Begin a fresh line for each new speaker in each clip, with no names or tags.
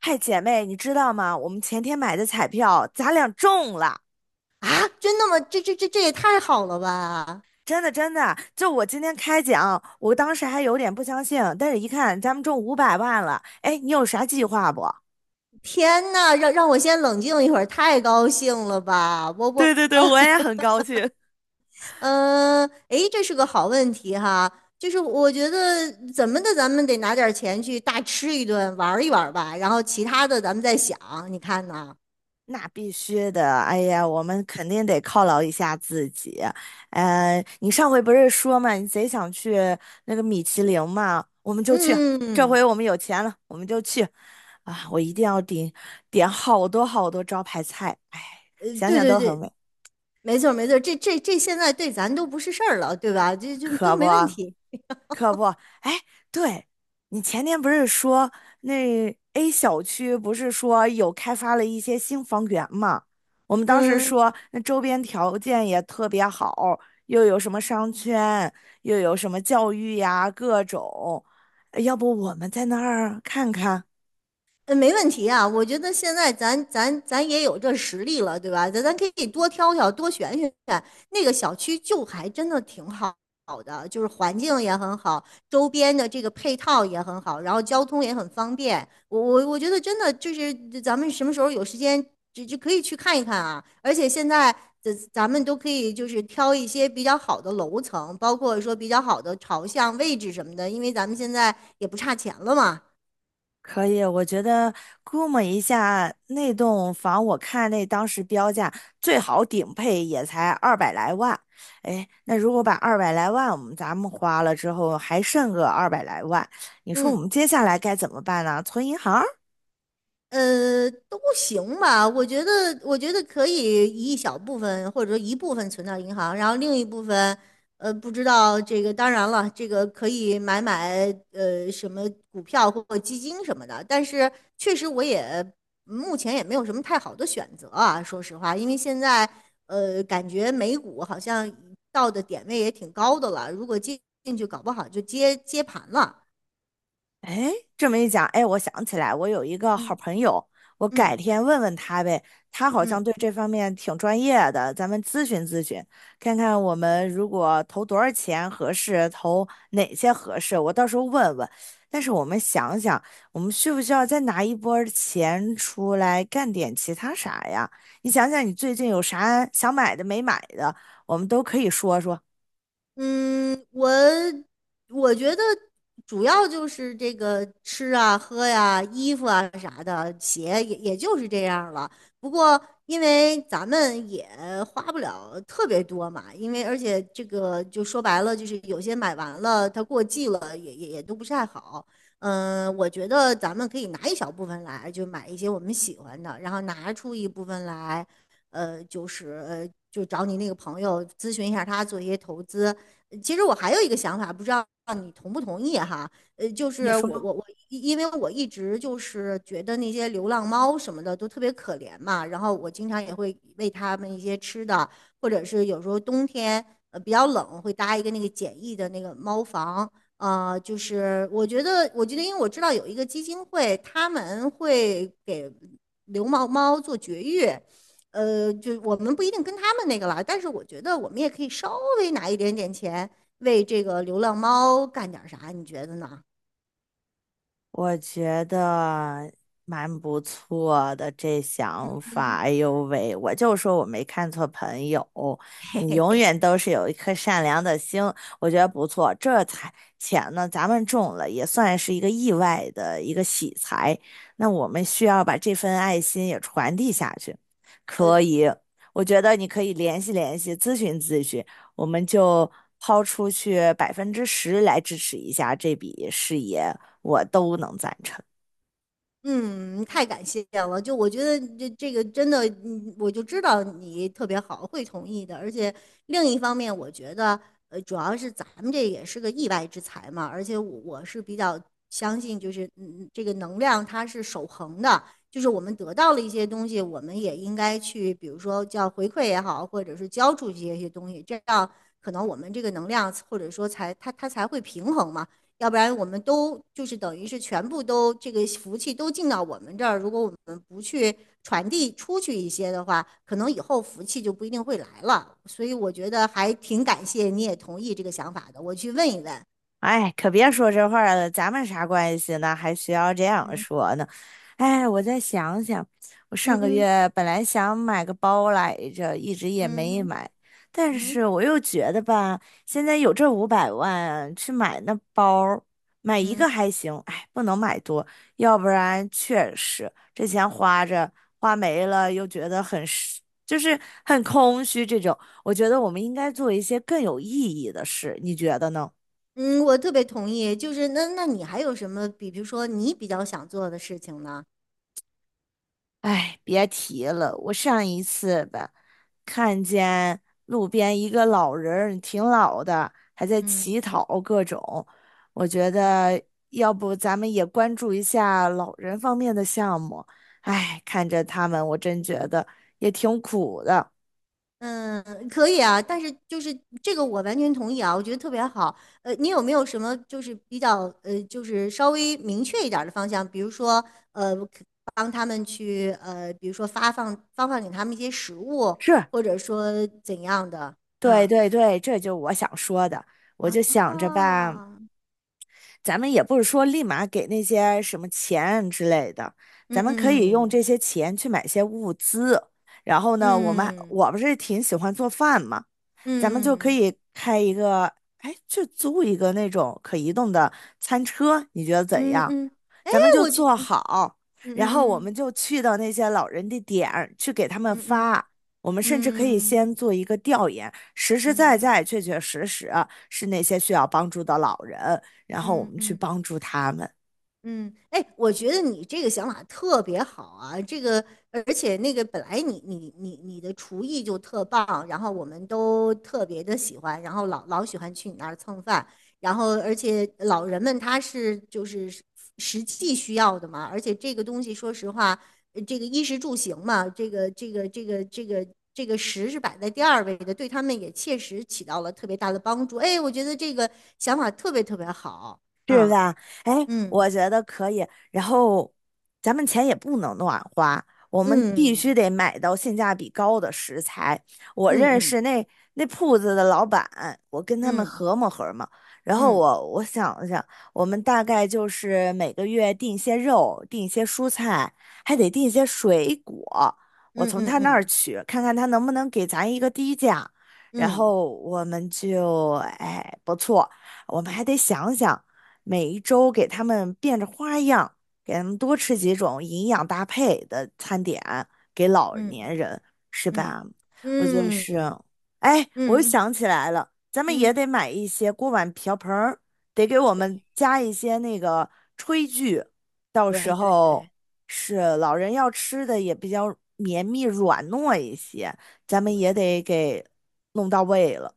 嗨，姐妹，你知道吗？我们前天买的彩票，咱俩中了，
啊，真的吗？这也太好了吧！
真的真的。就我今天开奖，我当时还有点不相信，但是一看咱们中五百万了，哎，你有啥计划不？
天呐，让我先冷静一会儿，太高兴了吧！我我
对对对，我也很高兴。
嗯，哎，这是个好问题哈。就是我觉得怎么的，咱们得拿点钱去大吃一顿，玩一玩吧，然后其他的咱们再想。你看呢？
那必须的，哎呀，我们肯定得犒劳一下自己。你上回不是说嘛，你贼想去那个米其林嘛，我们就去。
嗯，
这
嗯。
回我们有钱了，我们就去。啊，我一定要点好多好多招牌菜，哎，想
对
想
对
都很
对，
美，
没错没错，这这这现在对咱都不是事儿了，对吧？这都
可不。
没问题。
可不，哎，对，你前天不是说那 A 小区不是说有开发了一些新房源嘛？我们当时
嗯。
说那周边条件也特别好，又有什么商圈，又有什么教育呀，各种，要不我们在那儿看看？
嗯，没问题啊，我觉得现在咱也有这实力了，对吧？咱可以多挑挑，多选选。那个小区就还真的挺好好的，就是环境也很好，周边的这个配套也很好，然后交通也很方便。我觉得真的就是咱们什么时候有时间，就可以去看一看啊。而且现在咱们都可以就是挑一些比较好的楼层，包括说比较好的朝向、位置什么的，因为咱们现在也不差钱了嘛。
可以，我觉得估摸一下，那栋房我看那当时标价最好顶配也才二百来万，哎，那如果把二百来万我们咱们花了之后，还剩个二百来万，你说我
嗯。
们接下来该怎么办呢？存银行。
都行吧。我觉得，我觉得可以一小部分或者说一部分存到银行，然后另一部分，不知道这个。当然了，这个可以买什么股票或基金什么的。但是确实，我也目前也没有什么太好的选择啊。说实话，因为现在感觉美股好像到的点位也挺高的了，如果进去，搞不好就接盘了。
哎，这么一讲，哎，我想起来，我有一个好
嗯
朋友，我
嗯
改天问问他呗，他好像
嗯。
对这方面挺专业的，咱们咨询咨询，看看我们如果投多少钱合适，投哪些合适，我到时候问问。但是我们想想，我们需不需要再拿一波儿钱出来干点其他啥呀？你想想，你最近有啥想买的没买的，我们都可以说说。
嗯，我觉得主要就是这个吃啊、喝呀、衣服啊啥的，鞋也就是这样了。不过因为咱们也花不了特别多嘛，因为而且这个就说白了，就是有些买完了它过季了，也都不是太好。嗯，我觉得咱们可以拿一小部分来，就买一些我们喜欢的，然后拿出一部分来，就找你那个朋友咨询一下他做一些投资。其实我还有一个想法，不知道你同不同意哈？呃，就
你
是
说，
我我我，因为我一直就是觉得那些流浪猫什么的都特别可怜嘛，然后我经常也会喂它们一些吃的，或者是有时候冬天比较冷，会搭一个那个简易的那个猫房。我觉得，因为我知道有一个基金会，他们会给流浪猫做绝育，就我们不一定跟他们那个了，但是我觉得我们也可以稍微拿一点点钱为这个流浪猫干点啥，你觉得呢？
我觉得蛮不错的这想法。哎呦喂，我就说我没看错朋友，你永远都是有一颗善良的心，我觉得不错。这才钱呢，咱们中了也算是一个意外的一个喜财。那我们需要把这份爱心也传递下去，可以。我觉得你可以联系联系，咨询咨询，我们就抛出去10%来支持一下这笔事业。我都能赞成。
嗯，太感谢了！就我觉得这个真的，嗯我就知道你特别好，会同意的。而且另一方面，我觉得，主要是咱们这也是个意外之财嘛。而且我是比较相信，就是嗯，这个能量它是守恒的，就是我们得到了一些东西，我们也应该去，比如说叫回馈也好，或者是交出去一些东西，这样可能我们这个能量或者说才它才会平衡嘛。要不然我们都就是等于是全部都这个福气都进到我们这儿，如果我们不去传递出去一些的话，可能以后福气就不一定会来了。所以我觉得还挺感谢你也同意这个想法的，我去问一问。
哎，可别说这话了，咱们啥关系呢？还需要这样
嗯。
说呢？哎，我再想想，我上
嗯，
个
嗯
月本来想买个包来着，一直也没
嗯
买，但
嗯
是我又觉得吧，现在有这五百万去买那包儿买一
嗯
个还行，哎，不能买多，要不然确实这钱花着花没了，又觉得很是就是很空虚这种。我觉得我们应该做一些更有意义的事，你觉得呢？
嗯，我特别同意。就是那你还有什么比如说你比较想做的事情呢？
哎，别提了，我上一次吧，看见路边一个老人儿挺老的，还在
嗯
乞讨各种。我觉
嗯。
得要不咱们也关注一下老人方面的项目。哎，看着他们，我真觉得也挺苦的。
嗯，可以啊，但是就是这个我完全同意啊，我觉得特别好。你有没有什么就是比较就是稍微明确一点儿的方向？比如说可帮他们去比如说发放给他们一些食物，
是，
或者说怎样的？
对
嗯。
对对，这就我想说的。我就想着吧，
啊，
咱们也不是说立马给那些什么钱之类的，
嗯，
咱
嗯
们可以用
嗯
这些钱去买些物资。然后呢，我们
嗯
我不是挺喜欢做饭嘛，咱们就可
嗯
以开一个，哎，就租一个那种可移动的餐车，你觉得怎
嗯
样？
嗯，哎，
咱们就
我觉
做好，
嗯
然后我
嗯
们就去到那些老人的点儿去给他们
嗯嗯
发。我们甚至可以
嗯嗯
先做一个调研，实实在
嗯
在、确确实实是那些需要帮助的老人，
嗯嗯嗯。嗯
然后我
嗯
们去
嗯。
帮助他们。
嗯，哎，我觉得你这个想法特别好啊，这个而且那个本来你的厨艺就特棒，然后我们都特别的喜欢，然后老喜欢去你那儿蹭饭，然后而且老人们他是就是实际需要的嘛，而且这个东西说实话，这个衣食住行嘛，这个食是摆在第二位的，对他们也切实起到了特别大的帮助。哎，我觉得这个想法特别特别好
是
啊。
吧？哎，
嗯。
我觉得可以。然后，咱们钱也不能乱花，我们必须
嗯，
得买到性价比高的食材。我
嗯
认识
嗯
那那铺子的老板，我跟他们
嗯
合谋合谋。然后
嗯
我想了想，我们大概就是每个月订些肉，订些蔬菜，还得订些水果。我
嗯
从
嗯嗯
他那儿
嗯
取，看看他能不能给咱一个低价。然
嗯
后我们就，哎，不错。我们还得想想。每一周给他们变着花样，给他们多吃几种营养搭配的餐点，给老
嗯
年人，是
嗯
吧？我就是，
嗯
哎，我又
嗯，
想起来了，咱们也
嗯
得买一些锅碗瓢盆儿，得给我们加一些那个炊具，到时
对对
候
对
是老人要吃的也比较绵密软糯一些，咱们
对，
也得给弄到位了，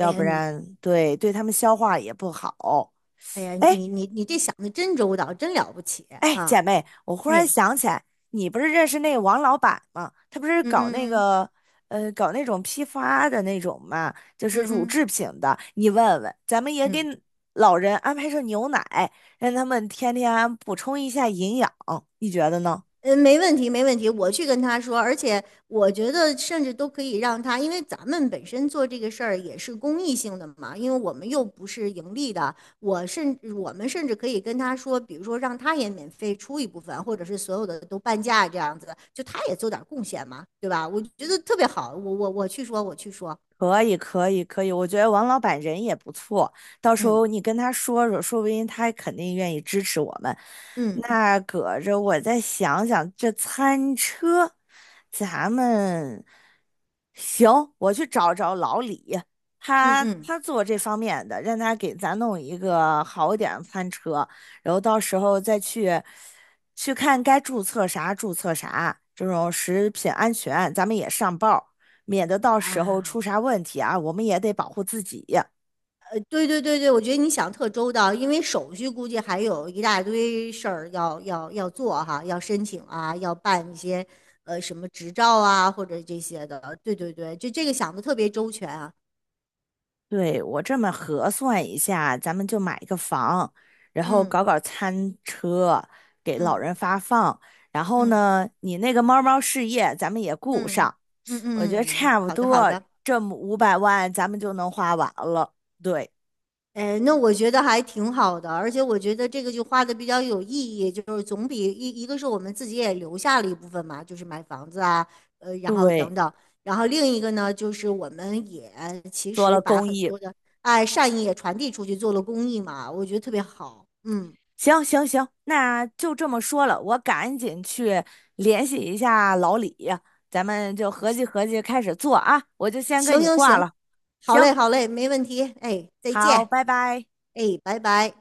哎呀
不
你
然对他们消化也不好。
哎呀
哎，
你这想的真周到，真了不起
哎，
啊！
姐妹，我忽然
哎，
想起来，你不是认识那个王老板吗？他不是
嗯
搞那
嗯
个，搞那种批发的那种嘛，就是
嗯嗯
乳
嗯
制品的。你问问，咱们也给
嗯。
老人安排上牛奶，让他们天天补充一下营养，你觉得呢？
嗯，没问题，没问题，我去跟他说，而且我觉得甚至都可以让他，因为咱们本身做这个事儿也是公益性的嘛，因为我们又不是盈利的，我们甚至可以跟他说，比如说让他也免费出一部分，或者是所有的都半价这样子，就他也做点贡献嘛，对吧？我觉得特别好，我去说，我去说，
可以，可以，可以。我觉得王老板人也不错，到时
嗯。
候你跟他说说，说不定他肯定愿意支持我们。
嗯
那搁着我再想想，这餐车，咱们行，我去找找老李，
嗯
他
嗯
他做这方面的，让他给咱弄一个好点儿的餐车，然后到时候再去去看该注册啥注册啥，这种食品安全咱们也上报。免得到时候
啊。
出啥问题啊，我们也得保护自己。
对对对对，我觉得你想特周到，因为手续估计还有一大堆事儿要做哈，要申请啊，要办一些什么执照啊或者这些的。对对对，就这个想的特别周全啊。
对，我这么核算一下，咱们就买一个房，然后
嗯
搞搞餐车，给老
嗯
人发放。然后
嗯
呢，你那个猫猫事业咱们也顾
嗯
上，
嗯嗯。
我觉得
嗯，
差不
好的好
多
的。
这么五百万咱们就能花完了。对
哎，那我觉得还挺好的，而且我觉得这个就花的比较有意义，就是总比一个是我们自己也留下了一部分嘛，就是买房子啊，然后
对，
等等，然后另一个呢，就是我们也其
做
实
了
把
公
很
益。
多的爱善意也传递出去，做了公益嘛，我觉得特别好。嗯，
行行行，那就这么说了，我赶紧去联系一下老李，咱们就合计合计开始做啊，我就先跟
行
你
行
挂
行，
了。
好
行，
嘞好嘞，没问题。哎，再
好，
见，
拜拜。
哎，拜拜。